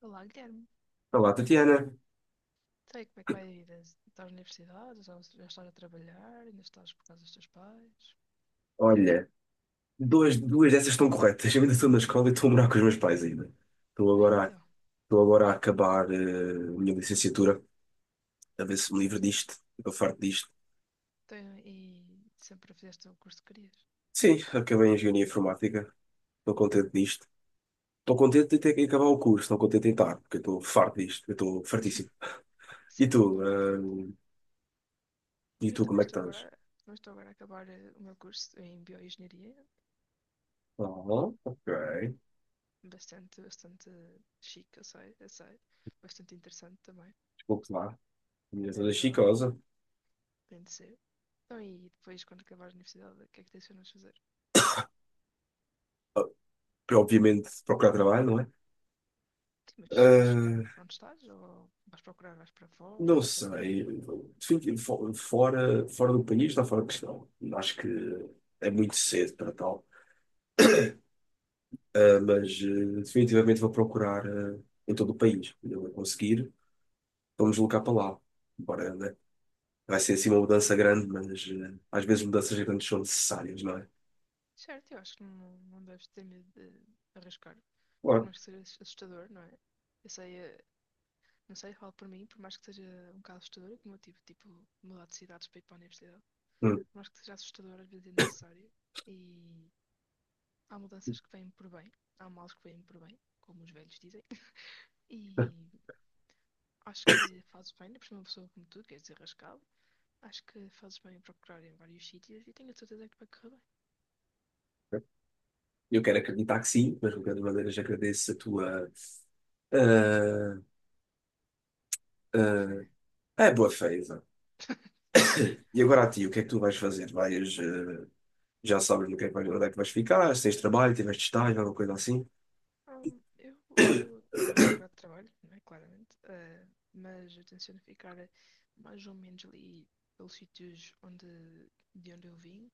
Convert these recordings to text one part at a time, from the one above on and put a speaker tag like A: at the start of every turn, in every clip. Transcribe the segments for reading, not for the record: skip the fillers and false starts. A: Olá, Guilherme.
B: Olá, Tatiana.
A: Sei como é que vai a vida? Estás na universidade? Já estás a trabalhar? Ainda estás por causa dos teus pais?
B: Olha, duas dessas estão corretas. Eu ainda estou na escola e estou a morar com os meus pais ainda. Estou
A: E
B: agora, a-
A: então,
B: Estou agora a acabar a minha licenciatura, a ver se me livro
A: certo?
B: disto. Estou farto disto.
A: Então, e sempre fizeste o curso que querias?
B: Sim, acabei em Engenharia Informática. Estou contente disto. Estou contente de ter que acabar o curso, não contente em estar, porque eu estou farto disto. Eu estou fartíssimo. E
A: Certo,
B: tu?
A: eu compreendo.
B: eh, e
A: Eu
B: tu, como é que estás?
A: também estou agora a acabar o meu curso em bioengenharia,
B: Ah, ok.
A: bastante, bastante chique, eu sei, bastante interessante também,
B: Desculpe lá. A minha
A: é
B: toda
A: verdade,
B: chicosa.
A: tem de ser. Então, e depois, quando acabares a universidade, o que é que tens de fazer?
B: Obviamente, procurar trabalho, não é?
A: Sim, mas vais ficar
B: Ehm,
A: onde estás? Ou vais procurar, vais para fora,
B: Não
A: vais procurar.
B: sei. Fico fora do país está fora de questão. Acho que é muito cedo para tal. Ah, mas definitivamente vou procurar em todo o país. Quando eu conseguir, vamos deslocar para lá. Embora, né, vai ser assim uma mudança grande, mas às vezes mudanças grandes são necessárias, não é?
A: Certo, eu acho que não deves ter medo de arriscar. Por
B: Claro.
A: mais que seja assustador, não é? Eu sei, não sei, falo por mim, por mais que seja um bocado assustador, é como eu tive, tipo, mudar de cidades para ir para a universidade.
B: Hum.
A: Por mais que seja assustador, às vezes é necessário. E há mudanças que vêm por bem, há males que vêm por bem, como os velhos dizem. E acho que fazes bem, depois uma pessoa como tu, que és arriscado. Acho que fazes bem em procurar em vários sítios e tenho a certeza que vai correr bem.
B: Eu quero acreditar que sim, mas de qualquer maneira já agradeço a tua ah,
A: Boa fé.
B: a boa fé. E agora a ti, o que é que tu vais fazer? Vais, eh, já sabes no que é que vais, onde é que vais ficar? Se tens trabalho, tiveste estágio, alguma coisa assim?
A: Hum, eu, eu vou procurar trabalho, não é? Claramente. Mas eu tenciono ficar mais ou menos ali pelos sítios de onde eu vim.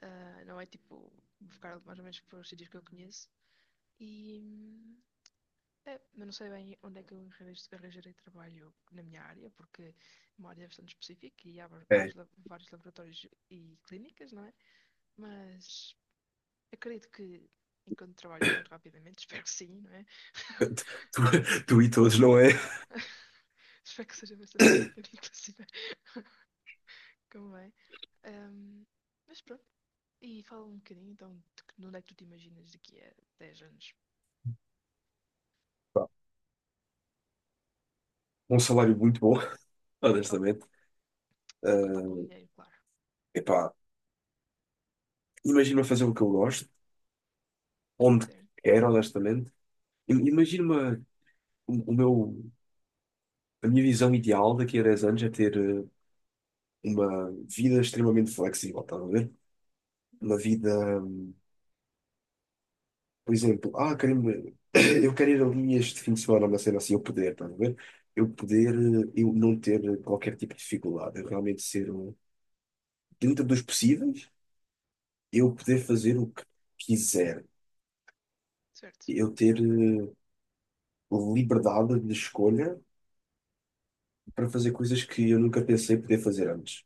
A: Ah, não é tipo, vou ficar mais ou menos pelos sítios que eu conheço. E, é, eu não sei bem onde é que eu arranjei arranjarei trabalho na minha área, porque é uma área bastante específica e há va-
B: É,
A: vários, la- vários laboratórios e clínicas, não é? Mas acredito que enquanto trabalho muito rapidamente, espero que sim, não é?
B: tu, tu e todos, não é?
A: Espero que seja bastante rápido, inclusive, como é. Ahm, mas pronto, e fala um bocadinho então de onde é que tu te imaginas daqui a 10 anos?
B: Pá, um salário muito bom,
A: Oh,
B: honestamente.
A: sem contar com
B: Eh,
A: dinheiro, claro.
B: Epá, imagina fazer o que eu gosto, onde
A: Certo,
B: quero, honestamente. Imagina-me o, o meu, a minha visão ideal daqui a 10 anos é ter uma vida extremamente flexível, estás a ver? Uma vida. Por exemplo, eu quero ir ali este fim de semana, uma cena assim, eu poder, estás a ver? Eu poder, eu não ter qualquer tipo de dificuldade, eu realmente ser, dentro dos possíveis, eu poder fazer o que quiser,
A: certo,
B: eu ter liberdade de escolha para fazer coisas que eu nunca pensei poder fazer antes.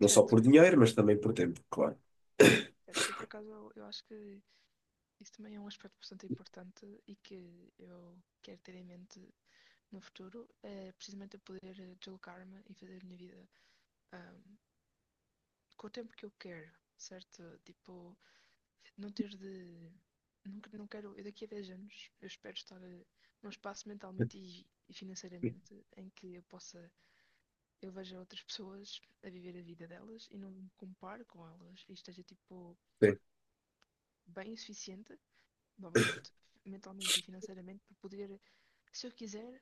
B: Não só
A: certo.
B: por dinheiro, mas também por tempo, claro.
A: Certo, eu por acaso eu acho que isso também é um aspecto bastante importante e que eu quero ter em mente no futuro, é precisamente eu poder deslocar-me e fazer a minha vida ah, com o tempo que eu quero, certo? Tipo, não ter de. Não, não quero. Eu daqui a 10 anos, eu espero estar num espaço mentalmente e financeiramente em que eu possa. Eu veja outras pessoas a viver a vida delas e não me compare com elas e esteja, tipo,
B: Sim,
A: bem o suficiente novamente, mentalmente e financeiramente, para poder, se eu quiser,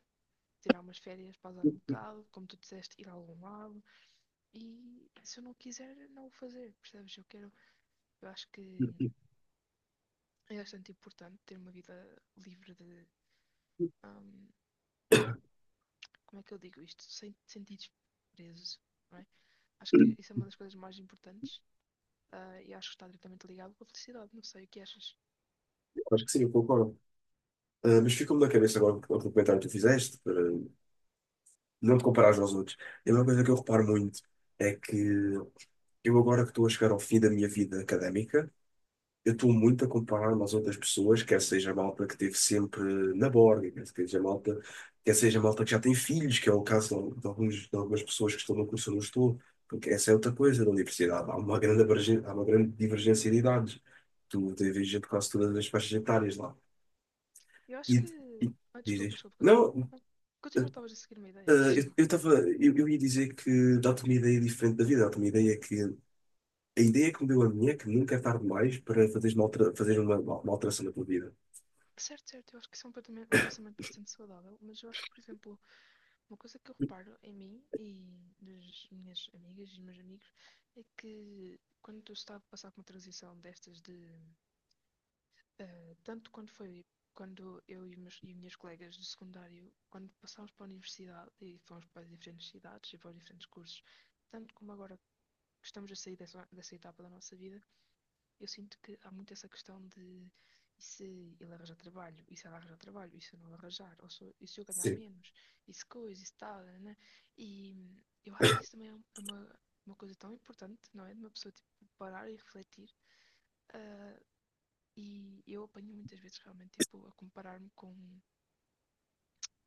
A: tirar umas férias, pausar um bocado, como tu disseste, ir a algum lado. E se eu não quiser, não o fazer, percebes? Eu quero, eu acho que é bastante importante ter uma vida livre de, hum, como é que eu digo isto? Sem sentidos presos. Não é? Acho que isso é uma das coisas mais importantes. E acho que está diretamente ligado com a felicidade. Não sei o que achas.
B: acho que sim, eu concordo. Ah, mas ficou-me na cabeça agora o comentário que tu fizeste, para não te comparares aos outros. E uma coisa que eu reparo muito é que eu agora que estou a chegar ao fim da minha vida académica, eu estou
A: Uhum.
B: muito a comparar-me às outras pessoas, quer seja a malta que teve sempre na borga, quer seja a malta que já tem filhos, que é o caso de algumas pessoas que estão no curso onde eu estou, porque essa é outra coisa da universidade. Há uma grande divergência de idades. Tu tens gente de quase todas as faixas etárias lá.
A: Eu acho
B: E,
A: que.
B: e
A: Ah,
B: diz,
A: desculpa,
B: diz.
A: desculpa, continua.
B: Não, eh,
A: Continua, estavas a seguir uma ideia,
B: eu
A: continua.
B: eu estava, eu ia dizer que dá-te uma ideia diferente da vida, dá-te uma ideia que. A ideia que me deu a minha é que nunca é tarde mais para fazeres uma alteração na tua vida.
A: Certo, certo, eu acho que isso é um pensamento bastante saudável, mas eu acho que, por exemplo, uma coisa que eu reparo em mim e das minhas amigas e nos meus amigos é que quando eu estava a passar por uma transição destas de. Tanto quando foi quando eu e, minhas colegas do secundário, quando passámos para a universidade e fomos para diferentes cidades e para diferentes cursos, tanto como agora que estamos a sair dessa, etapa da nossa vida, eu sinto que há muito essa questão de e se ele arranjar trabalho, e se ela arranjar trabalho, e se eu não arranjar, ou se, e se eu ganhar
B: Sim,
A: menos, e se coisa, e se tal, né? Né? E eu acho que isso também é um, é uma coisa tão importante, não é? De uma pessoa tipo, parar e refletir. ah, e eu apanho muitas vezes realmente tipo, a comparar-me com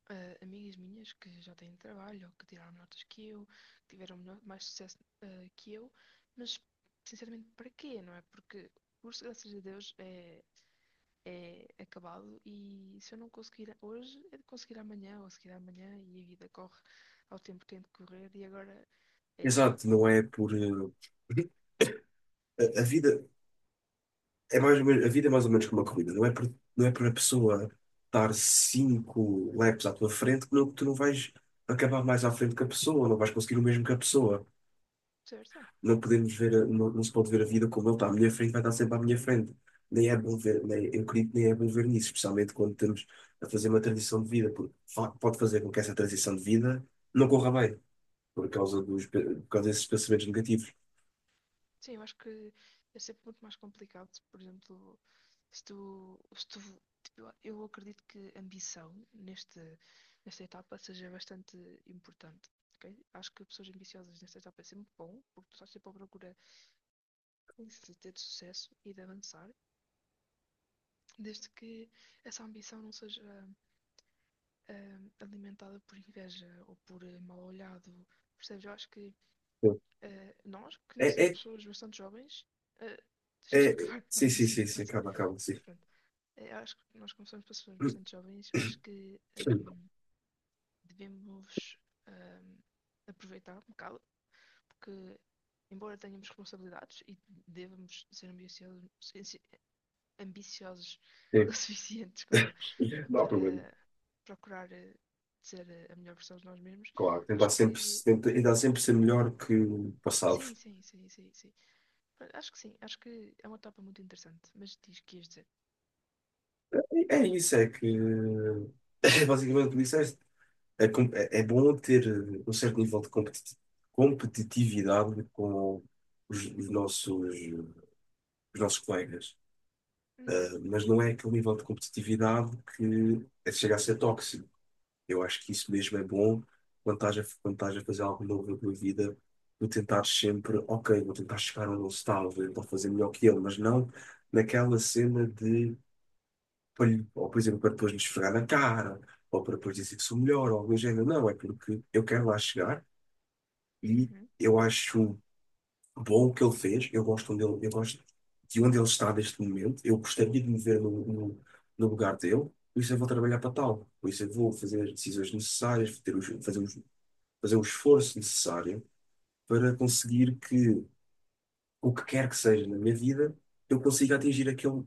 A: amigas minhas que já têm trabalho, ou que tiraram notas que eu, que tiveram mais sucesso que eu, mas sinceramente para quê, não é? Porque, por graças a Deus, é acabado e se eu não conseguir hoje, é de conseguir amanhã ou a seguir amanhã e a vida corre ao tempo que tem de correr e agora é
B: exato, não é por. A vida é mais ou menos, a vida é mais ou menos como uma corrida, não é por a pessoa estar 5 laps à tua frente que tu não vais acabar mais à frente que a pessoa, não vais conseguir o mesmo que a pessoa.
A: percebes?
B: Não podemos ver, não se pode ver a vida como ele está à minha frente, vai estar sempre à minha frente. Nem é bom ver, nem, eu acredito que nem é bom ver nisso, especialmente quando estamos a fazer uma transição de vida, porque pode fazer com que essa transição de vida não corra bem, por causa dos, por causa desses pensamentos negativos.
A: Sim, eu acho que é sempre muito mais complicado, por exemplo, se tu, tipo, eu acredito que ambição neste, nesta etapa seja bastante importante. Ok? Acho que pessoas ambiciosas nesta etapa é sempre bom, porque tu estás sempre à procura de ter de sucesso e de avançar, desde que essa ambição não seja alimentada por inveja ou por mal olhado. Percebes? Eu acho que
B: Sim.
A: nós, que
B: É,
A: ainda somos
B: é,
A: pessoas bastante jovens, ah, deixa-me só
B: é,
A: acabar o
B: sim, sim, sim,
A: raciocínio,
B: sim,
A: pode ser?
B: acaba, acaba, sim.
A: Pronto. Eu acho que nós, como somos pessoas
B: Sim,
A: bastante jovens, acho que devemos ahm, aproveitar um bocado, porque, embora tenhamos responsabilidades e devemos ser ambiciosos, ambiciosos o suficiente, desculpa,
B: não há
A: para
B: problema.
A: procurar ser a melhor versão de nós mesmos.
B: Claro, tentar
A: Acho
B: sempre,
A: que
B: tentar sempre ser melhor que o passado.
A: sim, sim, sim, sim, sim. Pronto, acho que sim, acho que é uma etapa muito interessante, mas diz que ias dizer.
B: É isso, é que é basicamente o que disseste. É, é bom ter um certo nível de competitividade com os, os nossos, os nossos colegas.
A: Uhum,
B: Mas não é aquele nível de competitividade que chega a ser tóxico. Eu acho que isso mesmo é bom quando estás a fazer algo novo na tua vida, tu tentares sempre, ok, vou tentar chegar onde ele está, vou tentar fazer melhor que ele, mas não naquela cena de, ou por exemplo, para depois lhe esfregar na cara. Ou para depois dizer que sou melhor, ou algo do género. Não, é porque eu quero lá chegar, e
A: uhum,
B: eu acho bom o que ele fez. Eu gosto de onde ele está neste momento. Eu gostaria de me ver no lugar dele. Por isso eu vou trabalhar para tal. Por isso eu vou fazer as decisões necessárias, ter os, fazer o esforço necessário para
A: uhum.
B: conseguir que o que quer que seja na minha vida, eu consiga atingir aquele,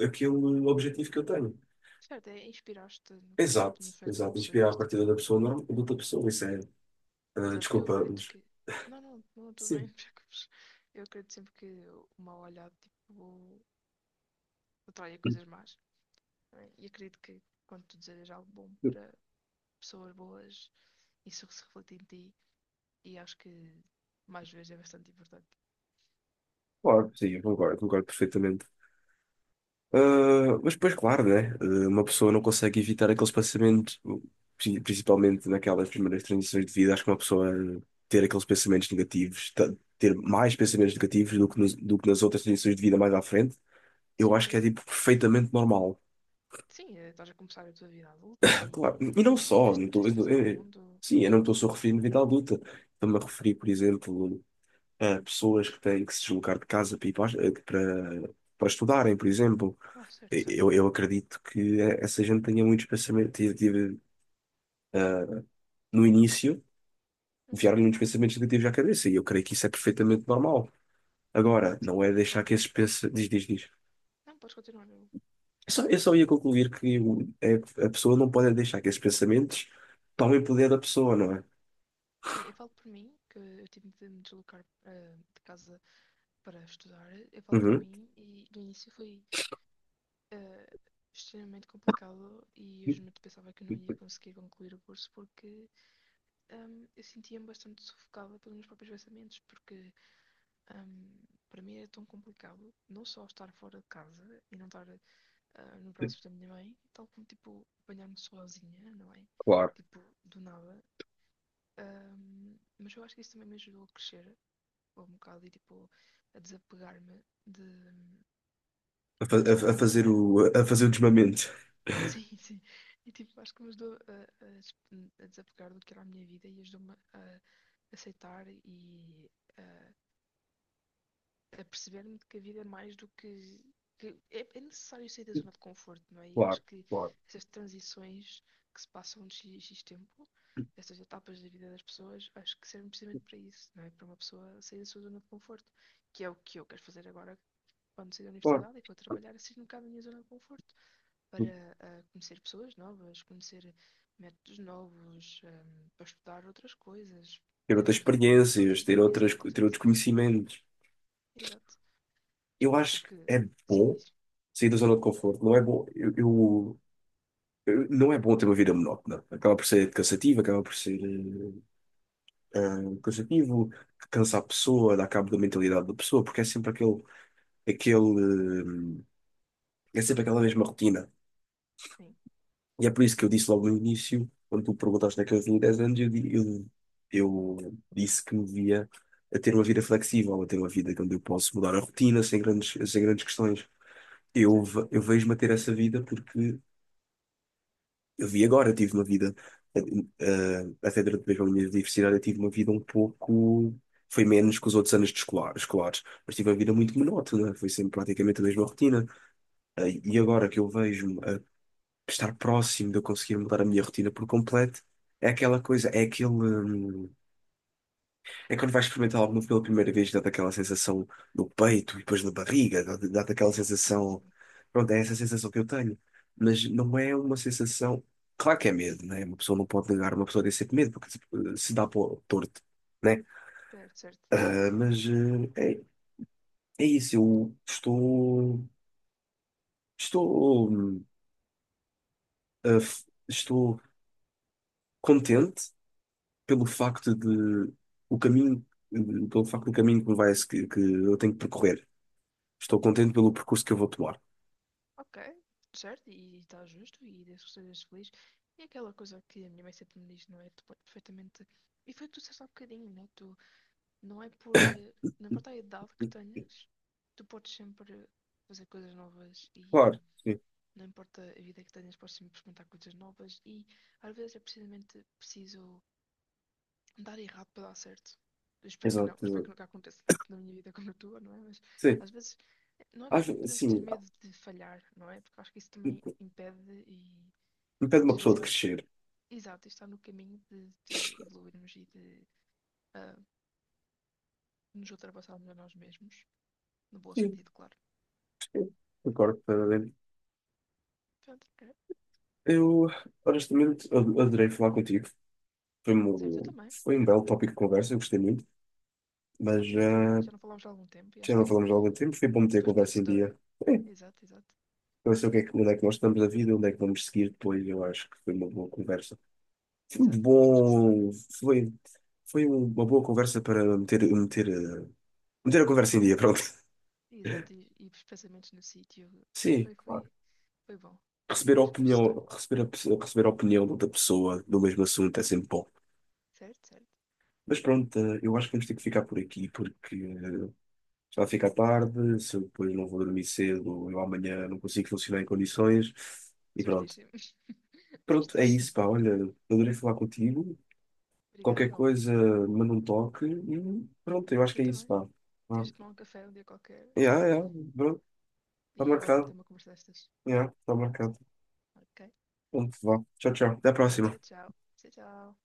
B: aquele objetivo que eu tenho.
A: Certo, é inspiraste no, como,
B: Exato,
A: nos feitos de uma
B: exato.
A: pessoa em
B: Inspirar a
A: vez de
B: partida da
A: tipo.
B: pessoa normal, de outra pessoa. Isso é,
A: Exato, porque eu
B: desculpa,
A: acredito
B: mas
A: que. Não, não, não estou bem,
B: sim.
A: não Eu acredito sempre que o mal olhado tipo, atrai coisas más. Não é? E acredito que quando tu desejas algo bom para pessoas boas, isso que se reflete em ti e acho que mais vezes é bastante importante.
B: Claro, sim, eu concordo, concordo perfeitamente. Ah, mas depois, claro, né? Uma pessoa não consegue evitar aquele espaçamento, principalmente naquelas primeiras transições de vida. Acho que uma pessoa ter aqueles pensamentos negativos, ter mais pensamentos negativos do que nas outras transições de vida mais à frente, eu
A: Sim,
B: acho que
A: sim.
B: é tipo perfeitamente normal.
A: Sim, estás a começar a tua vida adulta e
B: Claro, e não só,
A: tens,
B: não tô,
A: tens de
B: eu não-
A: fazer ao
B: eu-
A: mundo.
B: sim, eu não estou só referindo vida adulta. Estou-me a referir, por exemplo, a pessoas que têm que se deslocar de casa para, ir para, para estudarem, por exemplo.
A: Ah, certo, certo.
B: Eu acredito que essa gente tenha muitos pensamentos, no início,
A: Uhum.
B: vieram-lhe muitos pensamentos negativos à cabeça, e eu creio que isso é perfeitamente normal. Agora, não
A: Sim,
B: é
A: eu
B: deixar
A: falo.
B: que esses pensamentos. Diz, diz, diz.
A: Não, podes continuar.
B: Eu só ia concluir que a pessoa não pode é deixar que esses pensamentos tomem poder da pessoa, não é?
A: Sim, eu falo por mim, que eu tive de me deslocar de casa para estudar. Eu falo por
B: Uhum.
A: mim e no início foi eh, extremamente complicado e eu realmente pensava que eu não ia conseguir concluir o curso porque eu sentia-me bastante sufocada pelos meus próprios pensamentos, porque hum, para mim era tão complicado não só estar fora de casa e não estar no braço da minha mãe, tal como tipo apanhar-me sozinha, não é?
B: Claro,
A: Tipo, do nada. Mas eu acho que isso também me ajudou a crescer um bocado e tipo a desapegar-me de, do que era a minha vida.
B: A fazer o desmamento.
A: Sim, sim. E tipo, acho que me ajudou a desapegar do que era a minha vida e ajudou-me a aceitar e a a perceber-me que a vida é mais do que. Que é necessário sair da zona de conforto, não é? E
B: Claro,
A: acho que
B: claro.
A: essas transições que se passam de X, X tempo, essas etapas da vida das pessoas, acho que servem precisamente para isso, não é? Para uma pessoa sair da sua zona de conforto, que é o que eu quero fazer agora quando sair da
B: Claro.
A: universidade e for trabalhar, assim um bocado da minha zona de conforto, para conhecer pessoas novas, conhecer métodos novos, para estudar outras coisas
B: Ter outras
A: dentro do meu local de
B: experiências,
A: trabalho. Exato,
B: ter
A: exato,
B: outros conhecimentos.
A: exato.
B: Eu acho que
A: Porque,
B: é
A: sim,
B: bom
A: diz.
B: sair da zona de conforto. Não é bom. Não é bom ter uma vida monótona. Acaba por ser cansativo, acaba por ser cansativo, cansa a pessoa, dá cabo da mentalidade da pessoa, porque é sempre aquele, é sempre aquela mesma rotina.
A: Sim,
B: E é por isso que eu disse logo no início, quando tu perguntaste naqueles eu 10 anos, eu disse que me via a ter uma vida flexível, a ter uma vida onde eu posso mudar a rotina sem grandes questões. Eu,
A: certo.
B: ve- eu vejo-me a ter essa vida porque eu vi agora, eu tive uma vida, eh, até durante mesmo a minha universidade, eu tive uma vida um pouco. Foi menos que os outros anos de escolares, mas tive uma vida muito monótona, foi sempre praticamente a mesma rotina. E agora que eu vejo-me a estar próximo de eu conseguir mudar a minha rotina por completo, é aquela coisa, é aquele. É quando vais experimentar algo novo pela primeira vez, dá-te aquela sensação no peito e depois na barriga, dá-te aquela
A: Sim, sim,
B: sensação.
A: sim.
B: Pronto, é essa sensação que eu tenho. Mas não é uma sensação. Claro que é medo, né? Uma pessoa não pode negar, uma pessoa tem sempre medo, porque se se dá para o torto, né?
A: Certo, certo.
B: Ah, mas ah, é, é isso, eu estou. Estou. Estou contente pelo facto
A: Uhum.
B: de. O caminho. Pelo facto do caminho que eu tenho que percorrer. Estou contente pelo percurso que eu vou tomar.
A: Ok, certo, e está justo, e desde que sejas feliz. E aquela coisa que a minha mãe sempre me diz, não é? Tu podes perfeitamente. E foi o que tu disseste há bocadinho, né? Tu não é por. Não importa a idade que tenhas, tu podes sempre fazer coisas novas e
B: Claro, sim.
A: não importa a vida que tenhas, podes sempre experimentar coisas novas. E às vezes é precisamente preciso dar errado para dar certo. Eu espero que
B: Exato,
A: não, espero
B: exato.
A: que nunca aconteça tanto na minha vida como na tua, não é? Mas
B: Sim,
A: às vezes
B: acho,
A: não podemos ter
B: sim,
A: medo de falhar, não é? Porque eu acho que isso também impede e
B: impede uma
A: muitas
B: pessoa
A: vezes
B: de crescer.
A: exato, está no caminho de evoluirmos e de ah, nos ultrapassarmos a nós mesmos, no bom
B: Sim,
A: sentido, claro.
B: sim. Concordo, plenamente.
A: Pronto, é.
B: Eu, honestamente, adorei falar contigo. Foi
A: Certo, eu
B: um,
A: também.
B: foi um belo tópico de conversa, eu gostei muito. Mas
A: Exato, e por aí já não falámos há algum tempo e
B: já
A: acho
B: não
A: que
B: falamos há algum tempo, foi bom meter a
A: foi
B: conversa em
A: esclarecedor.
B: dia. É,
A: Exato, exato.
B: para saber o que é que, onde é que nós estamos na vida, onde é que vamos seguir depois. Eu acho que foi uma boa conversa. Foi um
A: Exato, exato, acho que sim.
B: bom. Foi, uma boa conversa para meter a conversa em dia, pronto.
A: Exato, e os pensamentos no sítio.
B: Sim,
A: Foi,
B: claro.
A: foi, Foi bom, foi
B: Receber a
A: esclarecedor.
B: opinião, receber a opinião de outra pessoa do mesmo assunto é sempre bom.
A: Certo, certo.
B: Mas pronto, eu acho que vamos ter que ficar por aqui porque já fica tarde, se eu depois não vou dormir cedo, eu amanhã não consigo funcionar em condições e pronto.
A: Certíssimo.
B: Pronto, é
A: Certíssimo.
B: isso, pá, olha, adorei falar contigo.
A: Obrigada
B: Qualquer
A: igualmente.
B: coisa, manda um toque e pronto, eu acho
A: Tu
B: que é isso,
A: também.
B: pá.
A: Temos
B: Vá.
A: de tomar um café um dia qualquer
B: Yeah, yeah, pronto, está
A: e voltar a ter
B: marcado.
A: uma conversa destas.
B: Yeah, está marcado.
A: Ok?
B: Pronto, vá. Tchau, tchau. Até a
A: Pronto, tchau,
B: próxima.
A: tchau. Tchau, tchau.